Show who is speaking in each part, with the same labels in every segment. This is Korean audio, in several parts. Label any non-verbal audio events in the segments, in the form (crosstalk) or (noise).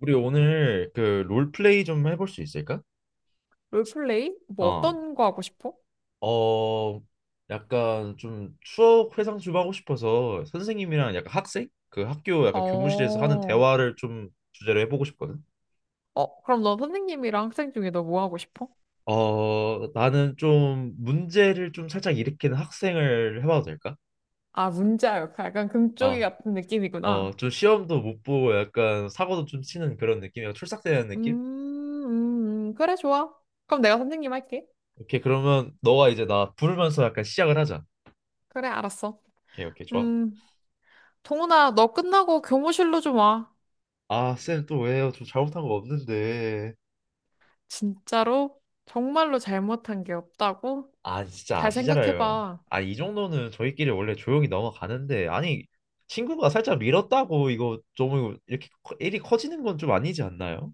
Speaker 1: 우리 오늘 그 롤플레이 좀 해볼 수 있을까?
Speaker 2: 롤플레이? 뭐
Speaker 1: 어,
Speaker 2: 어떤 거 하고 싶어?
Speaker 1: 어, 약간 좀 추억 회상 좀 하고 싶어서 선생님이랑 약간 학생? 그 학교 약간 교무실에서
Speaker 2: 어,
Speaker 1: 하는 대화를 좀 주제로 해보고 싶거든.
Speaker 2: 그럼 넌 선생님이랑 학생 중에 너 뭐 하고 싶어?
Speaker 1: 나는 좀 문제를 좀 살짝 일으키는 학생을 해봐도 될까?
Speaker 2: 아, 문자 역할. 약간 금쪽이
Speaker 1: 어,
Speaker 2: 같은 느낌이구나.
Speaker 1: 좀 시험도 못 보고 약간 사고도 좀 치는 그런 느낌이야. 출삭되는
Speaker 2: 음,
Speaker 1: 느낌?
Speaker 2: 그래, 좋아. 그럼 내가 선생님 할게.
Speaker 1: 오케이, 그러면 너가 이제 나 부르면서 약간 시작을 하자.
Speaker 2: 그래, 알았어.
Speaker 1: 오케이, 오케이, 좋아.
Speaker 2: 음, 동훈아, 너 끝나고 교무실로 좀 와.
Speaker 1: 아, 쌤 또 왜요? 저 잘못한 거 없는데.
Speaker 2: 진짜로? 정말로 잘못한 게 없다고?
Speaker 1: 아, 진짜
Speaker 2: 잘
Speaker 1: 아시잖아요.
Speaker 2: 생각해봐.
Speaker 1: 아, 이 정도는 저희끼리 원래 조용히 넘어가는데. 아니, 친구가 살짝 밀었다고 이거 좀 이렇게 일이 커지는 건 좀 아니지 않나요?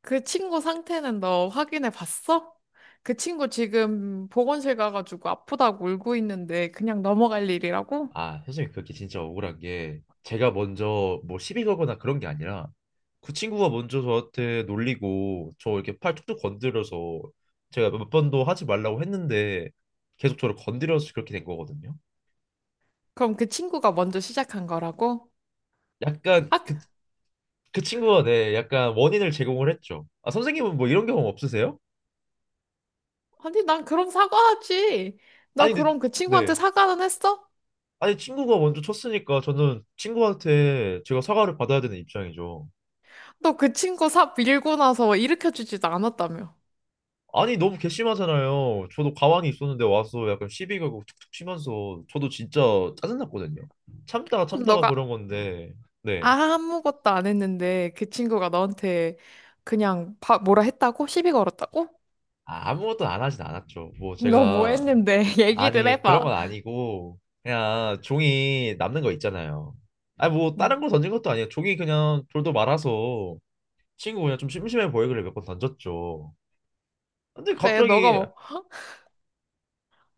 Speaker 2: 그 친구 상태는 너 확인해 봤어? 그 친구 지금 보건실 가가지고 아프다고 울고 있는데 그냥 넘어갈 일이라고?
Speaker 1: 아, 선생님 그게 진짜 억울한 게 제가 먼저 뭐 시비 걸거나 그런 게 아니라 그 친구가 먼저 저한테 놀리고 저 이렇게 팔 툭툭 건드려서 제가 몇 번도 하지 말라고 했는데 계속 저를 건드려서 그렇게 된 거거든요.
Speaker 2: 그럼 그 친구가 먼저 시작한 거라고?
Speaker 1: 약간
Speaker 2: 아,
Speaker 1: 그 친구가 네, 약간 원인을 제공을 했죠. 아, 선생님은 뭐 이런 경험 없으세요?
Speaker 2: 아니, 난 그럼 사과하지. 너
Speaker 1: 아니, 근데,
Speaker 2: 그럼 그 친구한테
Speaker 1: 네.
Speaker 2: 사과는 했어?
Speaker 1: 아니, 친구가 먼저 쳤으니까 저는 친구한테 제가 사과를 받아야 되는 입장이죠.
Speaker 2: 너 그 친구 사 밀고 나서 일으켜주지도 않았다며.
Speaker 1: 아니, 너무 괘씸하잖아요. 저도 가만히 있었는데 와서 약간 시비 가고 툭툭 치면서 저도 진짜 짜증났거든요. 참다가
Speaker 2: 그럼
Speaker 1: 참다가 그런
Speaker 2: 너가
Speaker 1: 건데, 네.
Speaker 2: 아무것도 안 했는데 그 친구가 너한테 그냥 바, 뭐라 했다고? 시비 걸었다고?
Speaker 1: 아, 아무것도 안 하진 않았죠. 뭐
Speaker 2: 너 뭐
Speaker 1: 제가
Speaker 2: 했는데 (laughs) 얘기를
Speaker 1: 아니, 그런
Speaker 2: 해봐.
Speaker 1: 건 아니고, 그냥 종이 남는 거 있잖아요. 아니, 뭐, 다른
Speaker 2: 음.
Speaker 1: 걸 던진 것도 아니에요. 종이 그냥 돌도 말아서 친구 그냥 좀 심심해 보이길래 몇 번 던졌죠. 근데
Speaker 2: 그래, 너가
Speaker 1: 갑자기,
Speaker 2: 뭐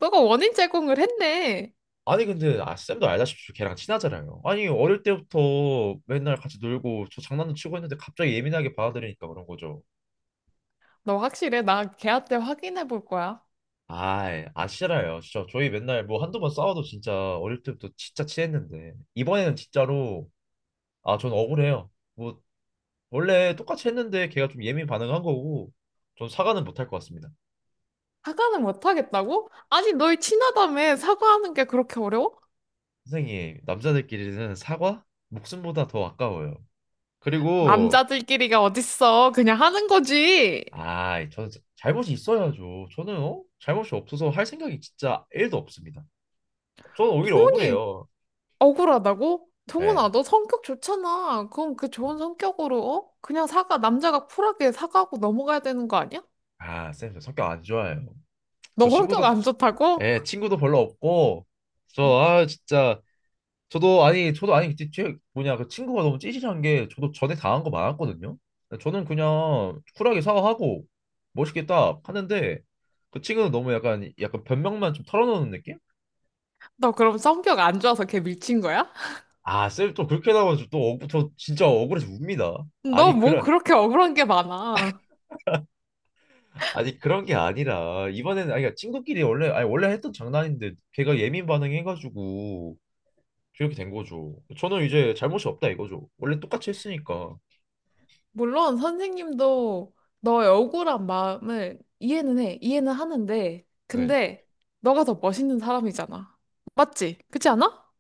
Speaker 2: 너가 원인 제공을 했네.
Speaker 1: 아니, 근데, 아, 쌤도 알다시피 걔랑 친하잖아요. 아니, 어릴 때부터 맨날 같이 놀고 저 장난도 치고 했는데 갑자기 예민하게 받아들이니까 그런 거죠.
Speaker 2: 너 확실해? 나 걔한테 확인해 볼 거야.
Speaker 1: 아이, 아, 싫어요. 진짜 저희 맨날 뭐 한두 번 싸워도 진짜 어릴 때부터 진짜 친했는데. 이번에는 진짜로, 아, 전 억울해요. 뭐 원래 똑같이 했는데 걔가 좀 예민 반응한 거고 전 사과는 못 할 것 같습니다.
Speaker 2: 사과는 못 하겠다고? 아니, 너희 친하다며 사과하는 게 그렇게 어려워?
Speaker 1: 선생님, 남자들끼리는 사과 목숨보다 더 아까워요. 그리고
Speaker 2: 남자들끼리가 어딨어. 그냥 하는 거지.
Speaker 1: 아, 저는 잘못이 있어야죠. 저는 어? 잘못이 없어서 할 생각이 진짜 1도 없습니다. 저는 오히려
Speaker 2: 동훈이
Speaker 1: 억울해요.
Speaker 2: 억울하다고?
Speaker 1: 예.
Speaker 2: 동훈아, 너 성격 좋잖아. 그럼 그 좋은 성격으로, 어? 그냥 사과, 남자가 쿨하게 사과하고 넘어가야 되는 거 아니야?
Speaker 1: 아, 쌤, 저 성격 안 좋아요. 저
Speaker 2: 너 성격
Speaker 1: 친구도
Speaker 2: 안 좋다고?
Speaker 1: 예, 친구도 별로 없고 저 아 진짜 저도 아니 그때 제 뭐냐 그 친구가 너무 찌질한 게 저도 전에 당한 거 많았거든요. 저는 그냥 쿨하게 사과하고 멋있게 딱 하는데 그 친구는 너무 약간 변명만 좀 털어놓는 느낌?
Speaker 2: 너 그럼 성격 안 좋아서 걔 밀친 거야?
Speaker 1: 아 쌤 또 그렇게 나오면 또 저 진짜 억울해서 웁니다.
Speaker 2: 너
Speaker 1: 아니
Speaker 2: 뭐
Speaker 1: 그런
Speaker 2: 그렇게 억울한 게 많아.
Speaker 1: 아니 그런 게 아니라 이번에는 아니 그러니까 친구끼리 원래 아니 원래 했던 장난인데 걔가 예민 반응해가지고 그렇게 된 거죠. 저는 이제 잘못이 없다 이거죠. 원래 똑같이 했으니까.
Speaker 2: 물론 선생님도 너의 억울한 마음을 이해는 해. 이해는 하는데.
Speaker 1: 네.
Speaker 2: 근데 너가 더 멋있는 사람이잖아. 맞지? 그렇지 않아?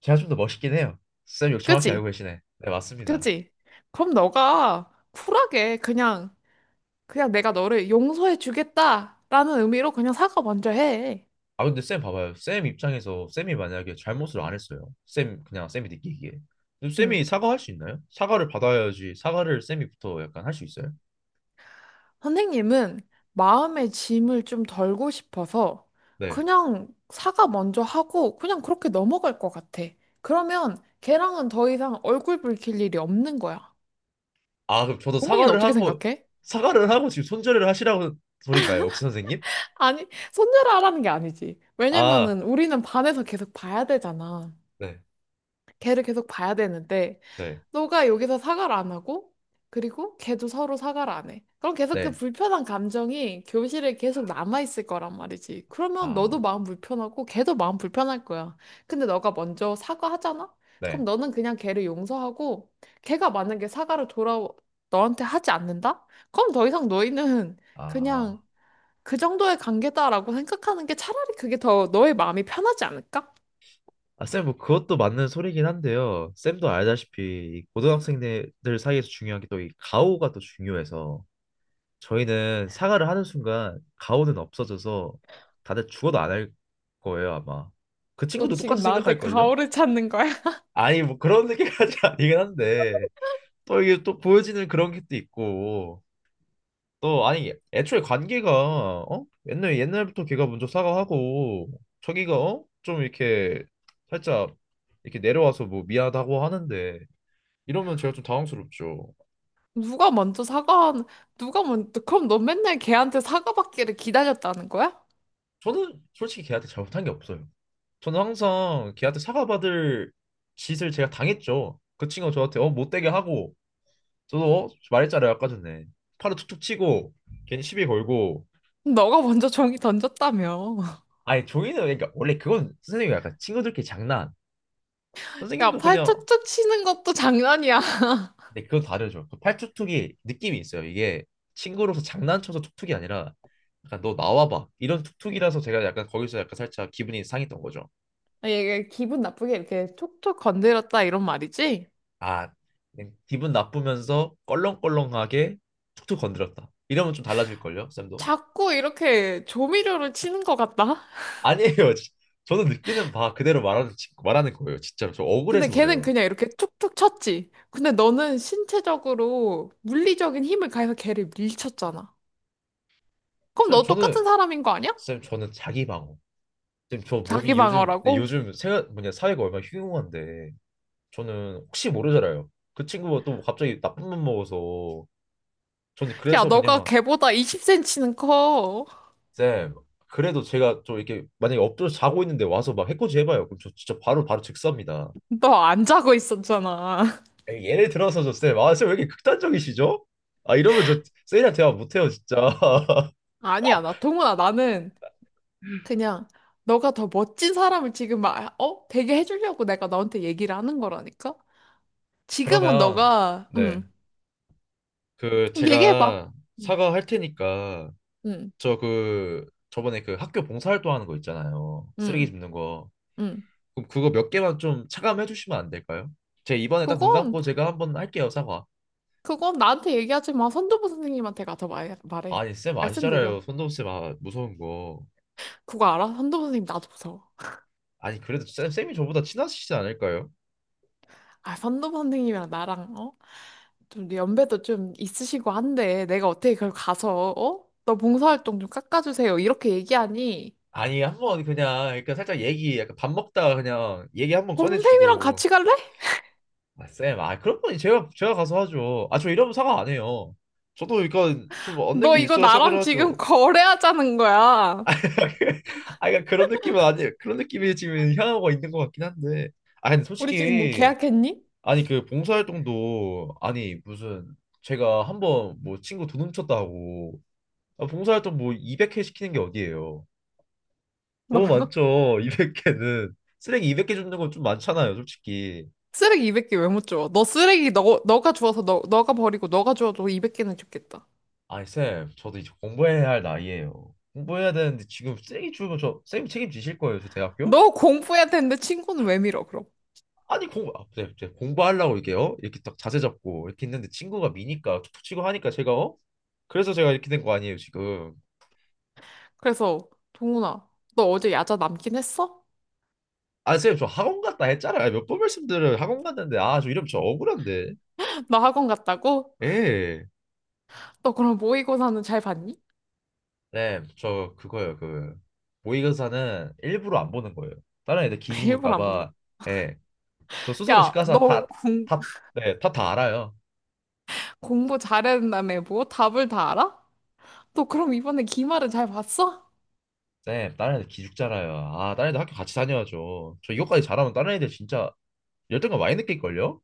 Speaker 1: 제가 좀 더 멋있긴 해요. 쌤 이거 정확히 알고
Speaker 2: 그치?
Speaker 1: 계시네. 네, 맞습니다.
Speaker 2: 그치? 그럼 너가 쿨하게 그냥 내가 너를 용서해 주겠다라는 의미로 그냥 사과 먼저 해.
Speaker 1: 아 근데 쌤 봐봐요. 쌤 입장에서 쌤이 만약에 잘못을 안 했어요. 쌤 그냥 쌤이 느끼기에. 근데
Speaker 2: 응.
Speaker 1: 쌤이 사과할 수 있나요? 사과를 받아야지. 사과를 쌤이부터 약간 할 수 있어요?
Speaker 2: 선생님은 마음의 짐을 좀 덜고 싶어서
Speaker 1: 네.
Speaker 2: 그냥 사과 먼저 하고 그냥 그렇게 넘어갈 것 같아. 그러면 걔랑은 더 이상 얼굴 붉힐 일이 없는 거야.
Speaker 1: 아 그럼 저도
Speaker 2: 어머니는
Speaker 1: 사과를
Speaker 2: 어떻게
Speaker 1: 하고
Speaker 2: 생각해?
Speaker 1: 사과를 하고 지금 손절을 하시라고 소린가요, 혹시 선생님?
Speaker 2: 아니, 손절하라는 게 아니지.
Speaker 1: 아
Speaker 2: 왜냐면은 우리는 반에서 계속 봐야 되잖아.
Speaker 1: 네,
Speaker 2: 걔를 계속 봐야 되는데
Speaker 1: 네,
Speaker 2: 너가 여기서 사과를 안 하고, 그리고 걔도 서로 사과를 안 해. 그럼 계속 그
Speaker 1: 네,
Speaker 2: 불편한 감정이 교실에 계속 남아있을 거란 말이지. 그러면
Speaker 1: 아
Speaker 2: 너도 마음 불편하고, 걔도 마음 불편할 거야. 근데 너가 먼저 사과하잖아? 그럼
Speaker 1: 네,
Speaker 2: 너는 그냥 걔를 용서하고, 걔가 만약에 사과를 돌아, 너한테 하지 않는다? 그럼 더 이상 너희는
Speaker 1: 아.
Speaker 2: 그냥 그 정도의 관계다라고 생각하는 게 차라리 그게 더 너의 마음이 편하지 않을까?
Speaker 1: 아, 쌤, 뭐 그것도 맞는 소리긴 한데요. 쌤도 알다시피 이 고등학생들 사이에서 중요한 게 또 이 가오가 또 중요해서 저희는 사과를 하는 순간 가오는 없어져서 다들 죽어도 안 할 거예요, 아마. 그
Speaker 2: 너
Speaker 1: 친구도 똑같이
Speaker 2: 지금 나한테
Speaker 1: 생각할걸요?
Speaker 2: 가오를 찾는 거야?
Speaker 1: 아니, 뭐 그런 생각까지 (laughs) 아니긴 한데 또 이게 또 보여지는 그런 게 또 있고 너 아니 애초에 관계가 어? 옛날 옛날부터 걔가 먼저 사과하고 저기가 어? 좀 이렇게 살짝 이렇게 내려와서 뭐 미안하다고 하는데 이러면 제가 좀 당황스럽죠.
Speaker 2: 누가 먼저 사과, 누가 먼저, 그럼 너 맨날 걔한테 사과 받기를 기다렸다는 거야?
Speaker 1: 저는 솔직히 걔한테 잘못한 게 없어요. 저는 항상 걔한테 사과받을 짓을 제가 당했죠. 그 친구가 저한테 어 못되게 하고 저도 어? 말했잖아요 아까 전에 팔을 툭툭 치고 괜히 시비 걸고
Speaker 2: 너가 먼저 종이 던졌다며. (laughs)
Speaker 1: 아니 종이는 그러니까 원래 그건 선생님이 약간 친구들끼리 장난
Speaker 2: 야,
Speaker 1: 선생님도
Speaker 2: 팔
Speaker 1: 그냥
Speaker 2: 척척 치는 것도 장난이야. (laughs)
Speaker 1: 근데 그건 다르죠. 그 팔뚝뚝이 느낌이 있어요. 이게 친구로서 장난쳐서 툭툭이 아니라 약간 너 나와봐 이런 툭툭이라서 제가 약간 거기서 약간 살짝 기분이 상했던 거죠.
Speaker 2: 아, 얘 기분 나쁘게 이렇게 촉촉 건드렸다 이런 말이지?
Speaker 1: 아 그냥 기분 나쁘면서 껄렁껄렁하게 툭툭 건드렸다. 이러면 좀 달라질 걸요, 쌤도?
Speaker 2: 자꾸 이렇게 조미료를 치는 것 같다?
Speaker 1: 아니에요. (laughs) 저는 느끼는 바 그대로 말하는 말하는 거예요. 진짜로 저
Speaker 2: 근데
Speaker 1: 억울해서
Speaker 2: 걔는
Speaker 1: 그래요.
Speaker 2: 그냥 이렇게 툭툭 쳤지. 근데 너는 신체적으로 물리적인 힘을 가해서 걔를 밀쳤잖아. 그럼
Speaker 1: 쌤
Speaker 2: 너 똑같은
Speaker 1: 저는
Speaker 2: 사람인 거 아니야?
Speaker 1: 쌤 저는 자기 방어. 쌤 저
Speaker 2: 자기
Speaker 1: 몸이 요즘 네,
Speaker 2: 방어라고?
Speaker 1: 요즘 세, 뭐냐 사회가 얼마나 흉흉한데 저는 혹시 모르잖아요. 그 친구가 또 갑자기 나쁜 맘 먹어서 저는
Speaker 2: 야,
Speaker 1: 그래서
Speaker 2: 너가
Speaker 1: 그냥
Speaker 2: 걔보다 20cm는 커.
Speaker 1: 쌤 그래도 제가 좀 이렇게 만약에 엎드려 자고 있는데 와서 막 해코지 해봐요. 그럼 저 진짜 바로 바로 즉사입니다.
Speaker 2: 너 안 자고 있었잖아. (laughs)
Speaker 1: 에이, 예를 들어서 저쌤아 쌤 왜 이렇게 극단적이시죠? 아 이러면 저 쌤이랑 대화 못해요 진짜. (laughs)
Speaker 2: 아니야, 나 동훈아, 나는 그냥 너가 더 멋진 사람을 지금 막, 어? 되게 해주려고 내가 너한테 얘기를 하는 거라니까? 지금은
Speaker 1: 그러면
Speaker 2: 너가,
Speaker 1: 네
Speaker 2: 응,
Speaker 1: 그
Speaker 2: 얘기해봐.
Speaker 1: 제가
Speaker 2: 응,
Speaker 1: 사과할 테니까
Speaker 2: 응,
Speaker 1: 저 그 저번에 그 학교 봉사활동 하는 거 있잖아요. 쓰레기
Speaker 2: 응.
Speaker 1: 줍는 거.
Speaker 2: 응.
Speaker 1: 그럼 그거 몇 개만 좀 차감해 주시면 안 될까요? 제가 이번에 딱 눈
Speaker 2: 그건,
Speaker 1: 감고 제가 한번 할게요, 사과.
Speaker 2: 그건 나한테 얘기하지 마. 선도부 선생님한테 가서 말, 말해.
Speaker 1: 아니, 쌤
Speaker 2: 말씀드려.
Speaker 1: 아시잖아요. 손동훈 쌤아 무서운 거.
Speaker 2: 그거 알아? 선도부 선생님 나도 무서워.
Speaker 1: 아니, 그래도 쌤, 쌤이 저보다 친하시지 않을까요?
Speaker 2: 아, 선도부 선생님이랑 나랑, 어? 좀 연배도 좀 있으시고 한데 내가 어떻게 그걸 가서 어? 너 봉사활동 좀 깎아주세요. 이렇게 얘기하니
Speaker 1: 아니, 한번 그냥 그러니까 살짝 얘기 약간 밥 먹다가 그냥 얘기 한번
Speaker 2: 어, 선생님이랑
Speaker 1: 꺼내주고.
Speaker 2: 같이 갈래?
Speaker 1: 아, 쌤, 아 그런 건 제가 제가 가서 하죠. 아, 저 이러면 사과 안 해요. 저도 그러니까 좀 얻는
Speaker 2: 너
Speaker 1: 게
Speaker 2: 이거
Speaker 1: 있어야 사과를
Speaker 2: 나랑 지금
Speaker 1: 하죠.
Speaker 2: 거래하자는 거야.
Speaker 1: (laughs) 아, 그러니까 그런 느낌은 아니에요. 그런 느낌이 지금 향하고 있는 것 같긴 한데. 아, 근데
Speaker 2: 우리 지금 뭐
Speaker 1: 솔직히
Speaker 2: 계약했니?
Speaker 1: 아니 그 봉사활동도 아니 무슨 제가 한번 뭐 친구 돈 훔쳤다 하고 아, 봉사활동 뭐 200회 시키는 게 어디예요?
Speaker 2: 너
Speaker 1: 너무
Speaker 2: (laughs)
Speaker 1: 많죠. 200개는 쓰레기 200개 줍는 건 좀 많잖아요, 솔직히.
Speaker 2: 쓰레기 200개 왜 못 줘? 너 쓰레기 너 너가 주워서 너 너가 버리고 너가 주워도 200개는 줬겠다.
Speaker 1: 아니 쌤, 저도 이제 공부해야 할 나이예요. 공부해야 되는데 지금 쓰레기 주면 저 쌤이 책임지실 거예요, 저 대학교?
Speaker 2: 너 공부해야 되는데 친구는 왜 밀어 그럼?
Speaker 1: 아니 공부 아, 네, 네, 공부하려고 이렇게 요 이렇게 딱 자세 잡고 이렇게 있는데 친구가 미니까 툭툭 치고 하니까 제가 어? 그래서 제가 이렇게 된 거 아니에요, 지금.
Speaker 2: 그래서 동훈아 너 어제 야자 남긴 했어?
Speaker 1: 아, 선생님, 저 학원 갔다 했잖아요. 몇 번 말씀드려요. 학원 갔는데, 아, 저 이름 저 억울한데.
Speaker 2: (laughs) 너 학원 갔다고?
Speaker 1: 예.
Speaker 2: 너 그럼 모의고사는 잘 봤니?
Speaker 1: 네, 저 그거예요. 그 모의고사는 일부러 안 보는 거예요. 다른 애들
Speaker 2: (laughs)
Speaker 1: 기죽을까
Speaker 2: 일부러 안 본다.
Speaker 1: 봐. 예. 저 스스로 집
Speaker 2: 야,
Speaker 1: 가서
Speaker 2: 너
Speaker 1: 다,
Speaker 2: 공,
Speaker 1: 다, 네, 다, 다 알아요.
Speaker 2: 공부 잘했다며 뭐 답을 다 알아? 너 그럼 이번에 기말은 잘 봤어?
Speaker 1: 네, 다른 애들 기죽잖아요. 아, 다른 애들 학교 같이 다녀야죠. 저 이것까지 잘하면 다른 애들 진짜 열등감 많이 느낄걸요?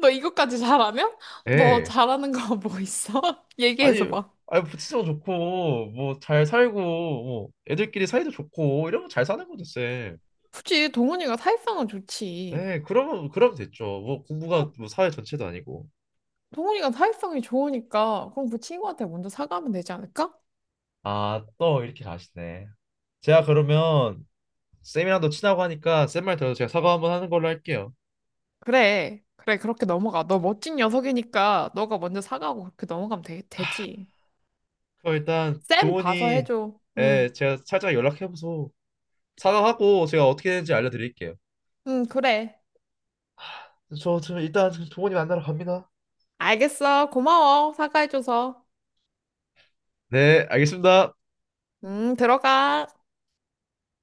Speaker 2: 너 이것까지 잘하면? 너
Speaker 1: 예.
Speaker 2: 잘하는 거 뭐 있어? (laughs)
Speaker 1: 아니,
Speaker 2: 얘기해줘봐.
Speaker 1: 아니, 부치도 좋고, 뭐, 잘 살고, 뭐, 애들끼리 사이도 좋고, 이러면 잘 사는 거죠, 쌤.
Speaker 2: 굳이 동훈이가 사회성은 좋지.
Speaker 1: 네, 그러면 그러면 됐죠. 뭐 공부가 뭐 사회 전체도 아니고.
Speaker 2: 동훈이가 사회성이 좋으니까 그럼 그 친구한테 먼저 사과하면 되지 않을까?
Speaker 1: 아, 또 이렇게 가시네. 제가 그러면 쌤이랑도 친하고 하니까 쌤 말 들어서 제가 사과 한번 하는 걸로 할게요.
Speaker 2: 그래, 그래 그렇게 넘어가. 너 멋진 녀석이니까 너가 먼저 사과하고 그렇게 넘어가면 되, 되지.
Speaker 1: 그럼 일단
Speaker 2: 쌤 봐서
Speaker 1: 동훈이
Speaker 2: 해줘. 응,
Speaker 1: 예, 제가 살짝 연락해보소. 사과하고 제가 어떻게 되는지 알려드릴게요.
Speaker 2: 응 그래.
Speaker 1: 저 일단 동훈이 만나러 갑니다.
Speaker 2: 알겠어. 고마워. 사과해줘서.
Speaker 1: 네, 알겠습니다.
Speaker 2: 들어가.